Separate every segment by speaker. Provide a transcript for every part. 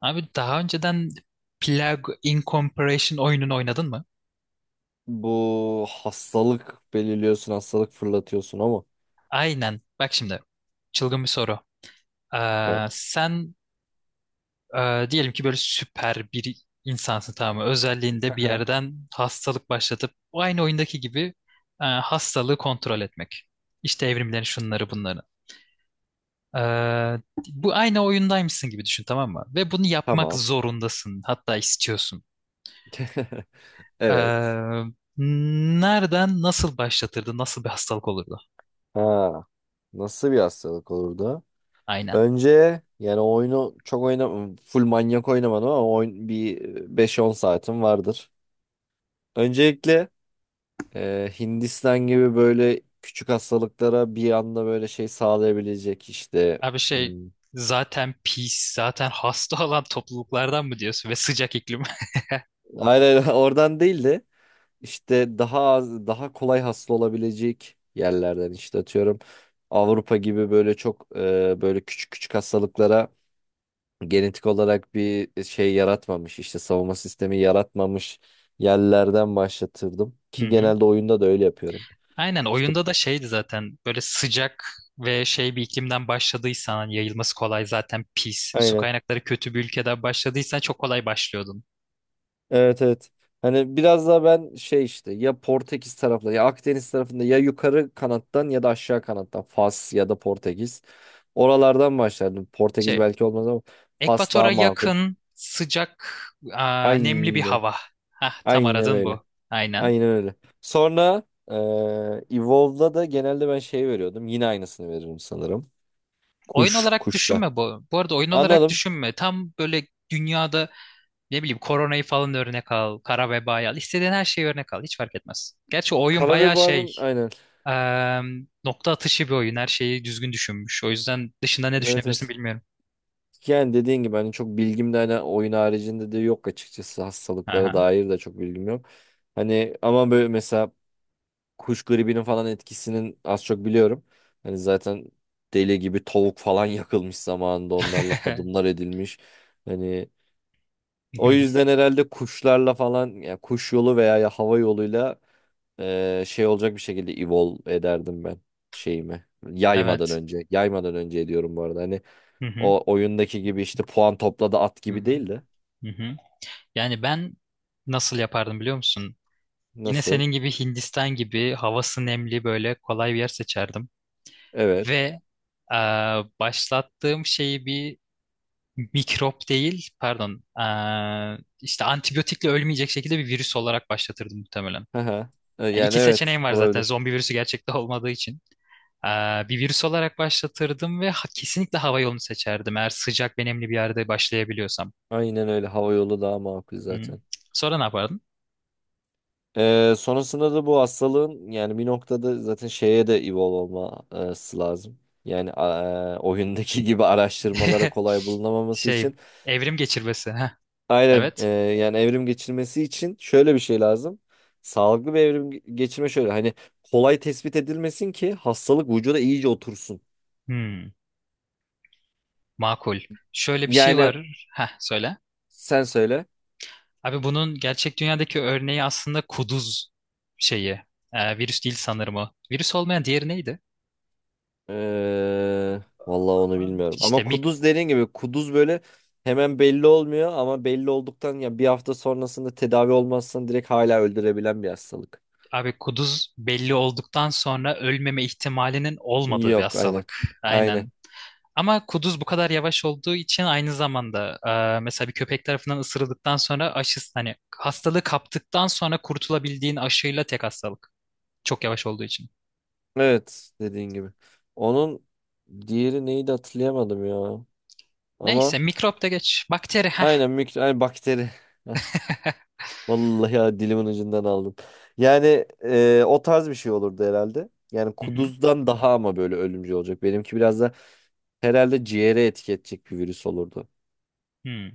Speaker 1: Abi daha önceden Plague Incorporation oyununu oynadın mı?
Speaker 2: Bu hastalık belirliyorsun, hastalık fırlatıyorsun ama.
Speaker 1: Aynen. Bak şimdi. Çılgın bir soru. Ee,
Speaker 2: Evet.
Speaker 1: sen e, diyelim ki böyle süper bir insansın tamam mı? Özelliğinde bir
Speaker 2: Aha,
Speaker 1: yerden hastalık başlatıp o aynı oyundaki gibi e, hastalığı kontrol etmek. İşte evrimlerin şunları bunları. Ee, bu aynı oyundaymışsın gibi düşün tamam mı? Ve bunu yapmak
Speaker 2: Tamam.
Speaker 1: zorundasın. Hatta istiyorsun.
Speaker 2: Evet.
Speaker 1: Ee, nereden nasıl başlatırdı? Nasıl bir hastalık olurdu?
Speaker 2: Ha, nasıl bir hastalık olurdu?
Speaker 1: Aynen.
Speaker 2: Önce yani oyunu çok oynam full manyak oynamadım ama oyun bir beş on saatim vardır. Öncelikle e, Hindistan gibi böyle küçük hastalıklara bir anda böyle şey sağlayabilecek işte.
Speaker 1: Abi şey
Speaker 2: Hmm,
Speaker 1: zaten pis, zaten hasta olan topluluklardan mı diyorsun ve sıcak iklim.
Speaker 2: Hayır hayır oradan değildi. işte daha az, daha kolay hasta olabilecek yerlerden işte atıyorum Avrupa gibi böyle çok e, böyle küçük küçük hastalıklara genetik olarak bir şey yaratmamış işte savunma sistemi yaratmamış yerlerden başlatırdım
Speaker 1: Hı
Speaker 2: ki
Speaker 1: hı.
Speaker 2: genelde oyunda da öyle yapıyorum.
Speaker 1: Aynen
Speaker 2: İşte
Speaker 1: oyunda da şeydi zaten böyle sıcak ve şey bir iklimden başladıysan hani yayılması kolay zaten pis. Su
Speaker 2: aynen.
Speaker 1: kaynakları kötü bir ülkeden başladıysan çok kolay başlıyordun.
Speaker 2: Evet evet. Hani biraz daha ben şey işte ya Portekiz tarafında ya Akdeniz tarafında ya yukarı kanattan ya da aşağı kanattan Fas ya da Portekiz. Oralardan başlardım. Portekiz
Speaker 1: Şey
Speaker 2: belki olmaz ama Fas daha
Speaker 1: Ekvatora
Speaker 2: makul.
Speaker 1: yakın, sıcak, aa, nemli bir
Speaker 2: Aynen.
Speaker 1: hava. Hah, tam
Speaker 2: Aynen
Speaker 1: aradın
Speaker 2: öyle.
Speaker 1: bu. Aynen.
Speaker 2: Aynen öyle. Sonra eee Evolve'da da genelde ben şey veriyordum. Yine aynısını veririm sanırım.
Speaker 1: Oyun
Speaker 2: Kuş.
Speaker 1: olarak
Speaker 2: Kuşla.
Speaker 1: düşünme bu. Bu arada oyun olarak
Speaker 2: Anladım.
Speaker 1: düşünme. Tam böyle dünyada ne bileyim koronayı falan örnek al, kara vebayı al. İstediğin her şeyi örnek al. Hiç fark etmez. Gerçi o oyun
Speaker 2: Kara ve
Speaker 1: bayağı şey,
Speaker 2: Boğa'nın aynen.
Speaker 1: eee, nokta atışı bir oyun. Her şeyi düzgün düşünmüş. O yüzden dışında ne
Speaker 2: Evet
Speaker 1: düşünebilirsin
Speaker 2: evet.
Speaker 1: bilmiyorum.
Speaker 2: Yani dediğin gibi hani çok bilgim de hani oyun haricinde de yok açıkçası hastalıklara
Speaker 1: Aha.
Speaker 2: dair de çok bilgim yok. Hani ama böyle mesela kuş gribinin falan etkisinin az çok biliyorum. Hani zaten deli gibi tavuk falan yakılmış zamanında onlarla hadımlar edilmiş. Hani o yüzden herhalde kuşlarla falan ya kuş yolu veya ya hava yoluyla eee, şey olacak bir şekilde evolve ederdim ben şeyimi. Yaymadan
Speaker 1: Evet.
Speaker 2: önce. Yaymadan önce ediyorum bu arada. Hani
Speaker 1: Hı hı.
Speaker 2: o oyundaki gibi işte puan topladı at
Speaker 1: Hı
Speaker 2: gibi
Speaker 1: hı.
Speaker 2: değil de.
Speaker 1: Hı hı. Yani ben nasıl yapardım biliyor musun? Yine
Speaker 2: Nasıl?
Speaker 1: senin gibi Hindistan gibi havası nemli böyle kolay bir yer seçerdim.
Speaker 2: Evet.
Speaker 1: Ve eee, başlattığım şeyi bir mikrop değil, pardon, eee, işte antibiyotikle ölmeyecek şekilde bir virüs olarak başlatırdım muhtemelen.
Speaker 2: Haha.
Speaker 1: Yani
Speaker 2: Yani
Speaker 1: iki
Speaker 2: evet
Speaker 1: seçeneğim var zaten
Speaker 2: olabilir.
Speaker 1: zombi virüsü gerçekte olmadığı için. Eee, bir virüs olarak başlatırdım ve ha- kesinlikle hava yolunu seçerdim eğer sıcak ve nemli bir yerde başlayabiliyorsam.
Speaker 2: Aynen öyle. Hava yolu daha makul
Speaker 1: Hı.
Speaker 2: zaten.
Speaker 1: Sonra ne yapardın?
Speaker 2: Ee, sonrasında da bu hastalığın yani bir noktada zaten şeye de evolve olması lazım. Yani e, oyundaki gibi araştırmalara kolay bulunamaması
Speaker 1: Şey,
Speaker 2: için.
Speaker 1: evrim geçirmesi. Heh,
Speaker 2: Aynen
Speaker 1: evet.
Speaker 2: e, yani evrim geçirmesi için şöyle bir şey lazım. Sağlıklı bir evrim ge- geçirme şöyle hani kolay tespit edilmesin ki hastalık vücuda iyice otursun.
Speaker 1: Hmm. Makul. Şöyle bir şey
Speaker 2: Yani
Speaker 1: var. Heh, söyle.
Speaker 2: sen söyle.
Speaker 1: Abi bunun gerçek dünyadaki örneği aslında kuduz şeyi. Ee, virüs değil sanırım o. Virüs olmayan diğeri neydi?
Speaker 2: Ee, vallahi onu
Speaker 1: Abi
Speaker 2: bilmiyorum.
Speaker 1: İşte
Speaker 2: Ama
Speaker 1: mik
Speaker 2: kuduz dediğin gibi kuduz böyle hemen belli olmuyor ama belli olduktan ya bir hafta sonrasında tedavi olmazsan direkt hala öldürebilen bir hastalık.
Speaker 1: abi kuduz belli olduktan sonra ölmeme ihtimalinin olmadığı bir
Speaker 2: Yok aynen.
Speaker 1: hastalık.
Speaker 2: Aynen.
Speaker 1: Aynen. Ama kuduz bu kadar yavaş olduğu için aynı zamanda e, mesela bir köpek tarafından ısırıldıktan sonra aşısı hani hastalığı kaptıktan sonra kurtulabildiğin aşıyla tek hastalık. Çok yavaş olduğu için.
Speaker 2: Evet dediğin gibi. Onun diğeri neydi hatırlayamadım ya. Ama
Speaker 1: Neyse mikrop da geç. Bakteri.
Speaker 2: aynen mikro, ay, bakteri. Vallahi ya dilimin ucundan aldım. Yani e, o tarz bir şey olurdu herhalde. Yani
Speaker 1: Hı hı.
Speaker 2: kuduzdan daha ama böyle ölümcül olacak. Benimki biraz da herhalde ciğere etki edecek bir virüs olurdu.
Speaker 1: Hı.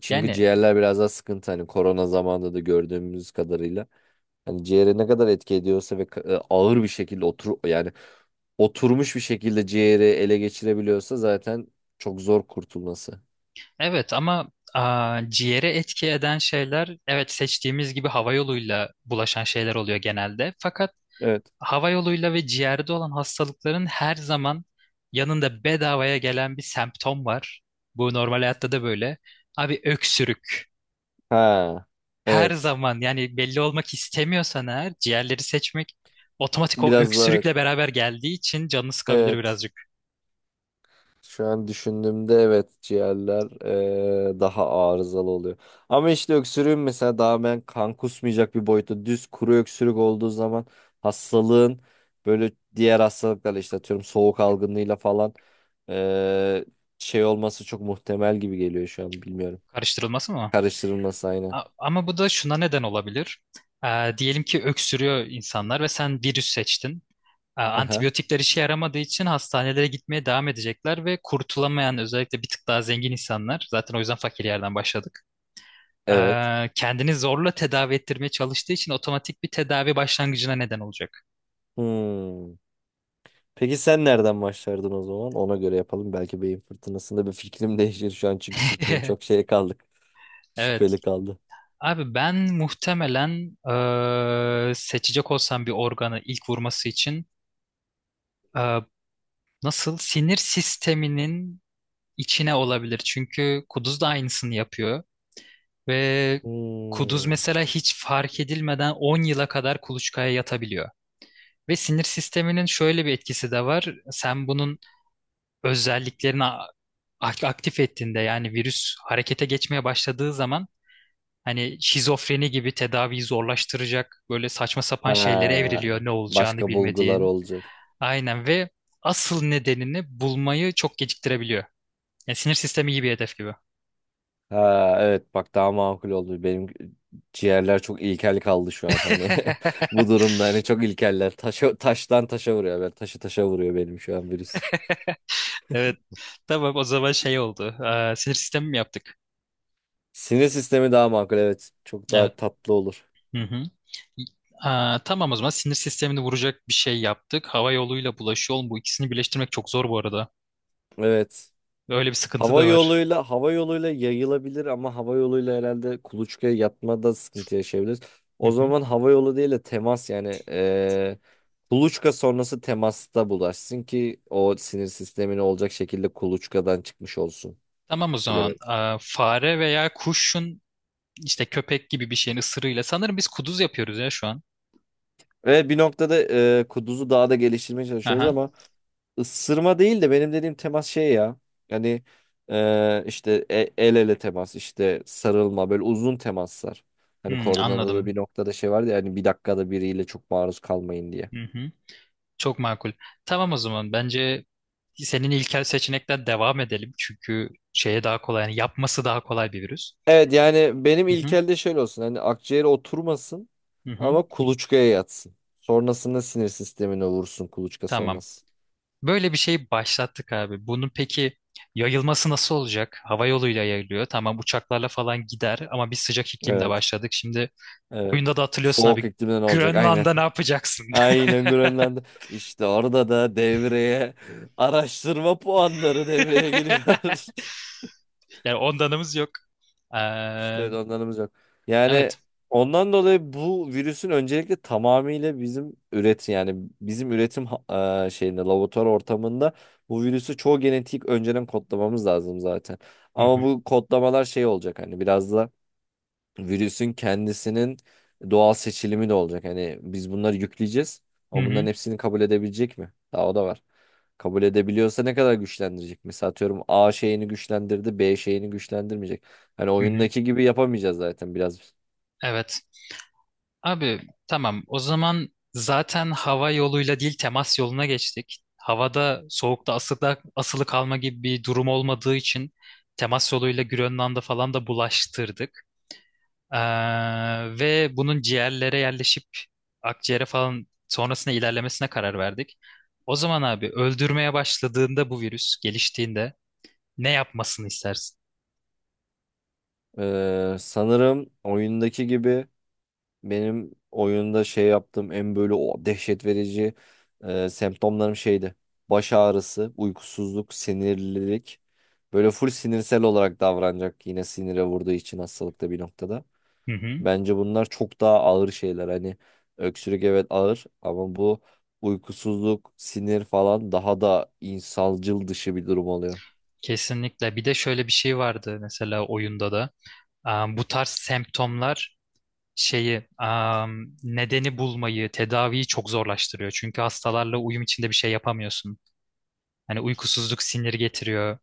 Speaker 2: Çünkü
Speaker 1: Yani
Speaker 2: ciğerler biraz daha sıkıntı. Hani korona zamanında da gördüğümüz kadarıyla. Hani ciğere ne kadar etki ediyorsa ve e, ağır bir şekilde otur yani oturmuş bir şekilde ciğeri ele geçirebiliyorsa zaten çok zor kurtulması.
Speaker 1: evet ama aa, ciğere etki eden şeyler evet seçtiğimiz gibi hava yoluyla bulaşan şeyler oluyor genelde. Fakat
Speaker 2: Evet.
Speaker 1: hava yoluyla ve ciğerde olan hastalıkların her zaman yanında bedavaya gelen bir semptom var. Bu normal hayatta da böyle. Abi öksürük.
Speaker 2: Ha.
Speaker 1: Her
Speaker 2: Evet.
Speaker 1: zaman yani belli olmak istemiyorsan eğer ciğerleri seçmek otomatik o
Speaker 2: Biraz zor. Evet.
Speaker 1: öksürükle beraber geldiği için canını sıkabilir
Speaker 2: Evet.
Speaker 1: birazcık.
Speaker 2: Şu an düşündüğümde evet ciğerler eee, daha arızalı oluyor. Ama işte öksürüğün mesela daha ben kan kusmayacak bir boyutta düz kuru öksürük olduğu zaman hastalığın böyle diğer hastalıklarla işte atıyorum soğuk algınlığıyla falan eee, şey olması çok muhtemel gibi geliyor şu an bilmiyorum.
Speaker 1: Karıştırılması mı?
Speaker 2: Karıştırılması aynı.
Speaker 1: A- Ama bu da şuna neden olabilir. Ee, diyelim ki öksürüyor insanlar ve sen virüs seçtin. Ee, antibiyotikler işe yaramadığı için hastanelere gitmeye devam edecekler ve kurtulamayan özellikle bir tık daha zengin insanlar zaten o yüzden fakir yerden başladık.
Speaker 2: Evet.
Speaker 1: Ee, kendini zorla tedavi ettirmeye çalıştığı için otomatik bir tedavi başlangıcına neden olacak.
Speaker 2: Hmm. Peki sen nereden başlardın o zaman? Ona göre yapalım. Belki beyin fırtınasında bir fikrim değişir şu an çünkü fikrim çok şeye kaldı.
Speaker 1: Evet.
Speaker 2: Şüpheli kaldı.
Speaker 1: Abi ben muhtemelen eee, seçecek olsam bir organı ilk vurması için eee, nasıl sinir sisteminin içine olabilir. Çünkü kuduz da aynısını yapıyor ve kuduz
Speaker 2: Hmm.
Speaker 1: mesela hiç fark edilmeden 10 yıla kadar kuluçkaya yatabiliyor. Ve sinir sisteminin şöyle bir etkisi de var. Sen bunun özelliklerini a- aktif ettiğinde yani virüs harekete geçmeye başladığı zaman hani şizofreni gibi tedaviyi zorlaştıracak böyle saçma sapan şeylere
Speaker 2: Ha,
Speaker 1: evriliyor ne olacağını
Speaker 2: başka bulgular
Speaker 1: bilmediğin.
Speaker 2: olacak.
Speaker 1: Aynen ve asıl nedenini bulmayı çok geciktirebiliyor. Yani sinir sistemi iyi bir hedef gibi.
Speaker 2: Ha, evet bak daha makul oldu. Benim ciğerler çok ilkel kaldı şu an hani. Bu durumda hani çok ilkeller. Taşa, taştan taşa vuruyor. Ben taşı taşa vuruyor benim şu an virüs.
Speaker 1: Tamam o zaman şey oldu. Aa, sinir sistemi mi yaptık?
Speaker 2: Sinir sistemi daha makul evet. Çok
Speaker 1: Evet.
Speaker 2: daha tatlı olur.
Speaker 1: Hı hı. Aa, tamam o zaman sinir sistemini vuracak bir şey yaptık. Hava yoluyla bulaşı yol bu ikisini birleştirmek çok zor bu arada.
Speaker 2: Evet.
Speaker 1: Öyle bir sıkıntı
Speaker 2: Hava
Speaker 1: da var.
Speaker 2: yoluyla hava yoluyla yayılabilir ama hava yoluyla herhalde kuluçkaya yatmada sıkıntı yaşayabiliriz.
Speaker 1: Hı
Speaker 2: O
Speaker 1: hı.
Speaker 2: zaman hava yolu değil de temas yani eee kuluçka sonrası temasta bulaşsın ki o sinir sistemine olacak şekilde kuluçkadan çıkmış olsun.
Speaker 1: Tamam o zaman
Speaker 2: Bilemedim.
Speaker 1: Aa, fare veya kuşun işte köpek gibi bir şeyin ısırığıyla sanırım biz kuduz yapıyoruz ya şu an.
Speaker 2: Ve bir noktada eee kuduzu daha da geliştirmeye çalışıyoruz
Speaker 1: Aha.
Speaker 2: ama Isırma değil de benim dediğim temas şey ya. Yani e, işte e- el ele temas, işte sarılma, böyle uzun temaslar. Hani
Speaker 1: Hmm,
Speaker 2: koronada da
Speaker 1: anladım.
Speaker 2: bir noktada şey vardı ya hani bir dakikada biriyle çok maruz kalmayın diye.
Speaker 1: Hı hı. Çok makul. Tamam o zaman bence senin ilkel seçenekten devam edelim. Çünkü şeye daha kolay yani yapması daha kolay bir virüs.
Speaker 2: Evet yani benim
Speaker 1: Hı hı.
Speaker 2: ilkelde şöyle olsun. Hani akciğere oturmasın
Speaker 1: Hı hı.
Speaker 2: ama kuluçkaya yatsın. Sonrasında sinir sistemine vursun kuluçka
Speaker 1: Tamam.
Speaker 2: sonrası.
Speaker 1: Böyle bir şey başlattık abi. Bunun peki yayılması nasıl olacak? Hava yoluyla yayılıyor. Tamam uçaklarla falan gider ama biz sıcak iklimde
Speaker 2: Evet.
Speaker 1: başladık. Şimdi oyunda
Speaker 2: Evet.
Speaker 1: da hatırlıyorsun
Speaker 2: Soğuk
Speaker 1: abi
Speaker 2: iklimden olacak. Aynen.
Speaker 1: Grönland'da ne yapacaksın?
Speaker 2: Aynen Grönland'da. İşte orada da devreye araştırma puanları devreye giriyor.
Speaker 1: Yani ondanımız yok. Ee,
Speaker 2: İşte onlarımız yok. Yani
Speaker 1: evet.
Speaker 2: ondan dolayı bu virüsün öncelikle tamamıyla bizim üretim yani bizim üretim ha- e, şeyinde laboratuvar ortamında bu virüsü çoğu genetik önceden kodlamamız lazım zaten.
Speaker 1: Hı
Speaker 2: Ama
Speaker 1: hı.
Speaker 2: bu kodlamalar şey olacak hani biraz da virüsün kendisinin doğal seçilimi de olacak. Hani biz bunları yükleyeceğiz
Speaker 1: Hı
Speaker 2: ama bunların
Speaker 1: hı.
Speaker 2: hepsini kabul edebilecek mi? Daha o da var. Kabul edebiliyorsa ne kadar güçlendirecek? Mesela atıyorum A şeyini güçlendirdi, B şeyini güçlendirmeyecek. Hani
Speaker 1: Hı hı.
Speaker 2: oyundaki gibi yapamayacağız zaten biraz.
Speaker 1: Evet. Abi tamam o zaman zaten hava yoluyla değil temas yoluna geçtik. Havada soğukta asılı, asılı kalma gibi bir durum olmadığı için temas yoluyla Grönland'a falan da bulaştırdık. Ee, ve bunun ciğerlere yerleşip akciğere falan sonrasında ilerlemesine karar verdik. O zaman abi öldürmeye başladığında bu virüs geliştiğinde ne yapmasını istersin?
Speaker 2: Ee, sanırım oyundaki gibi Benim oyunda şey yaptığım en böyle o dehşet verici e, semptomlarım şeydi. Baş ağrısı, uykusuzluk, sinirlilik. Böyle full sinirsel olarak davranacak yine sinire vurduğu için hastalıkta bir noktada.
Speaker 1: Hı hı,
Speaker 2: Bence bunlar çok daha ağır şeyler. Hani öksürük evet ağır ama bu uykusuzluk, sinir falan daha da insancıl dışı bir durum oluyor.
Speaker 1: kesinlikle. Bir de şöyle bir şey vardı mesela oyunda da. Ee, bu tarz semptomlar şeyi am, nedeni bulmayı, tedaviyi çok zorlaştırıyor. Çünkü hastalarla uyum içinde bir şey yapamıyorsun. Hani uykusuzluk sinir getiriyor.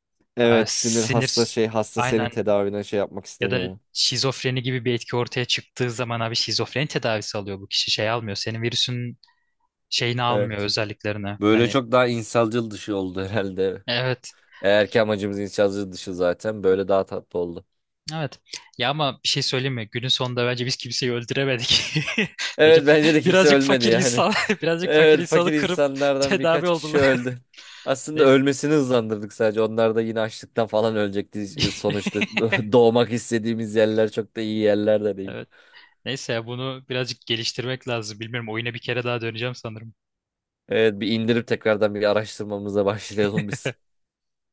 Speaker 1: Ee,
Speaker 2: Evet sinir hasta
Speaker 1: sinir
Speaker 2: şey hasta senin
Speaker 1: aynen
Speaker 2: tedavine şey yapmak
Speaker 1: ya da
Speaker 2: istemiyor.
Speaker 1: şizofreni gibi bir etki ortaya çıktığı zaman abi şizofreni tedavisi alıyor bu kişi şey almıyor. Senin virüsün şeyini almıyor
Speaker 2: Evet.
Speaker 1: özelliklerini.
Speaker 2: Böyle
Speaker 1: Hani
Speaker 2: çok daha insancıl dışı oldu herhalde.
Speaker 1: evet.
Speaker 2: Eğer ki amacımız inşaatçı dışı zaten böyle daha tatlı oldu.
Speaker 1: Evet. Ya ama bir şey söyleyeyim mi? Günün sonunda bence biz kimseyi öldüremedik. Sadece
Speaker 2: Evet bence de kimse
Speaker 1: birazcık
Speaker 2: ölmedi
Speaker 1: fakir
Speaker 2: yani.
Speaker 1: insan, birazcık fakir
Speaker 2: Evet
Speaker 1: insanı
Speaker 2: fakir
Speaker 1: kırıp
Speaker 2: insanlardan
Speaker 1: tedavi
Speaker 2: birkaç kişi
Speaker 1: oldular.
Speaker 2: öldü. Aslında
Speaker 1: Neyse.
Speaker 2: ölmesini hızlandırdık sadece. Onlar da yine açlıktan falan ölecekti. İşte Sonuçta doğmak istediğimiz yerler çok da iyi yerler de değil.
Speaker 1: Evet. Neyse ya bunu birazcık geliştirmek lazım. Bilmiyorum oyuna bir kere daha döneceğim sanırım.
Speaker 2: Evet bir indirip tekrardan bir araştırmamıza başlayalım biz.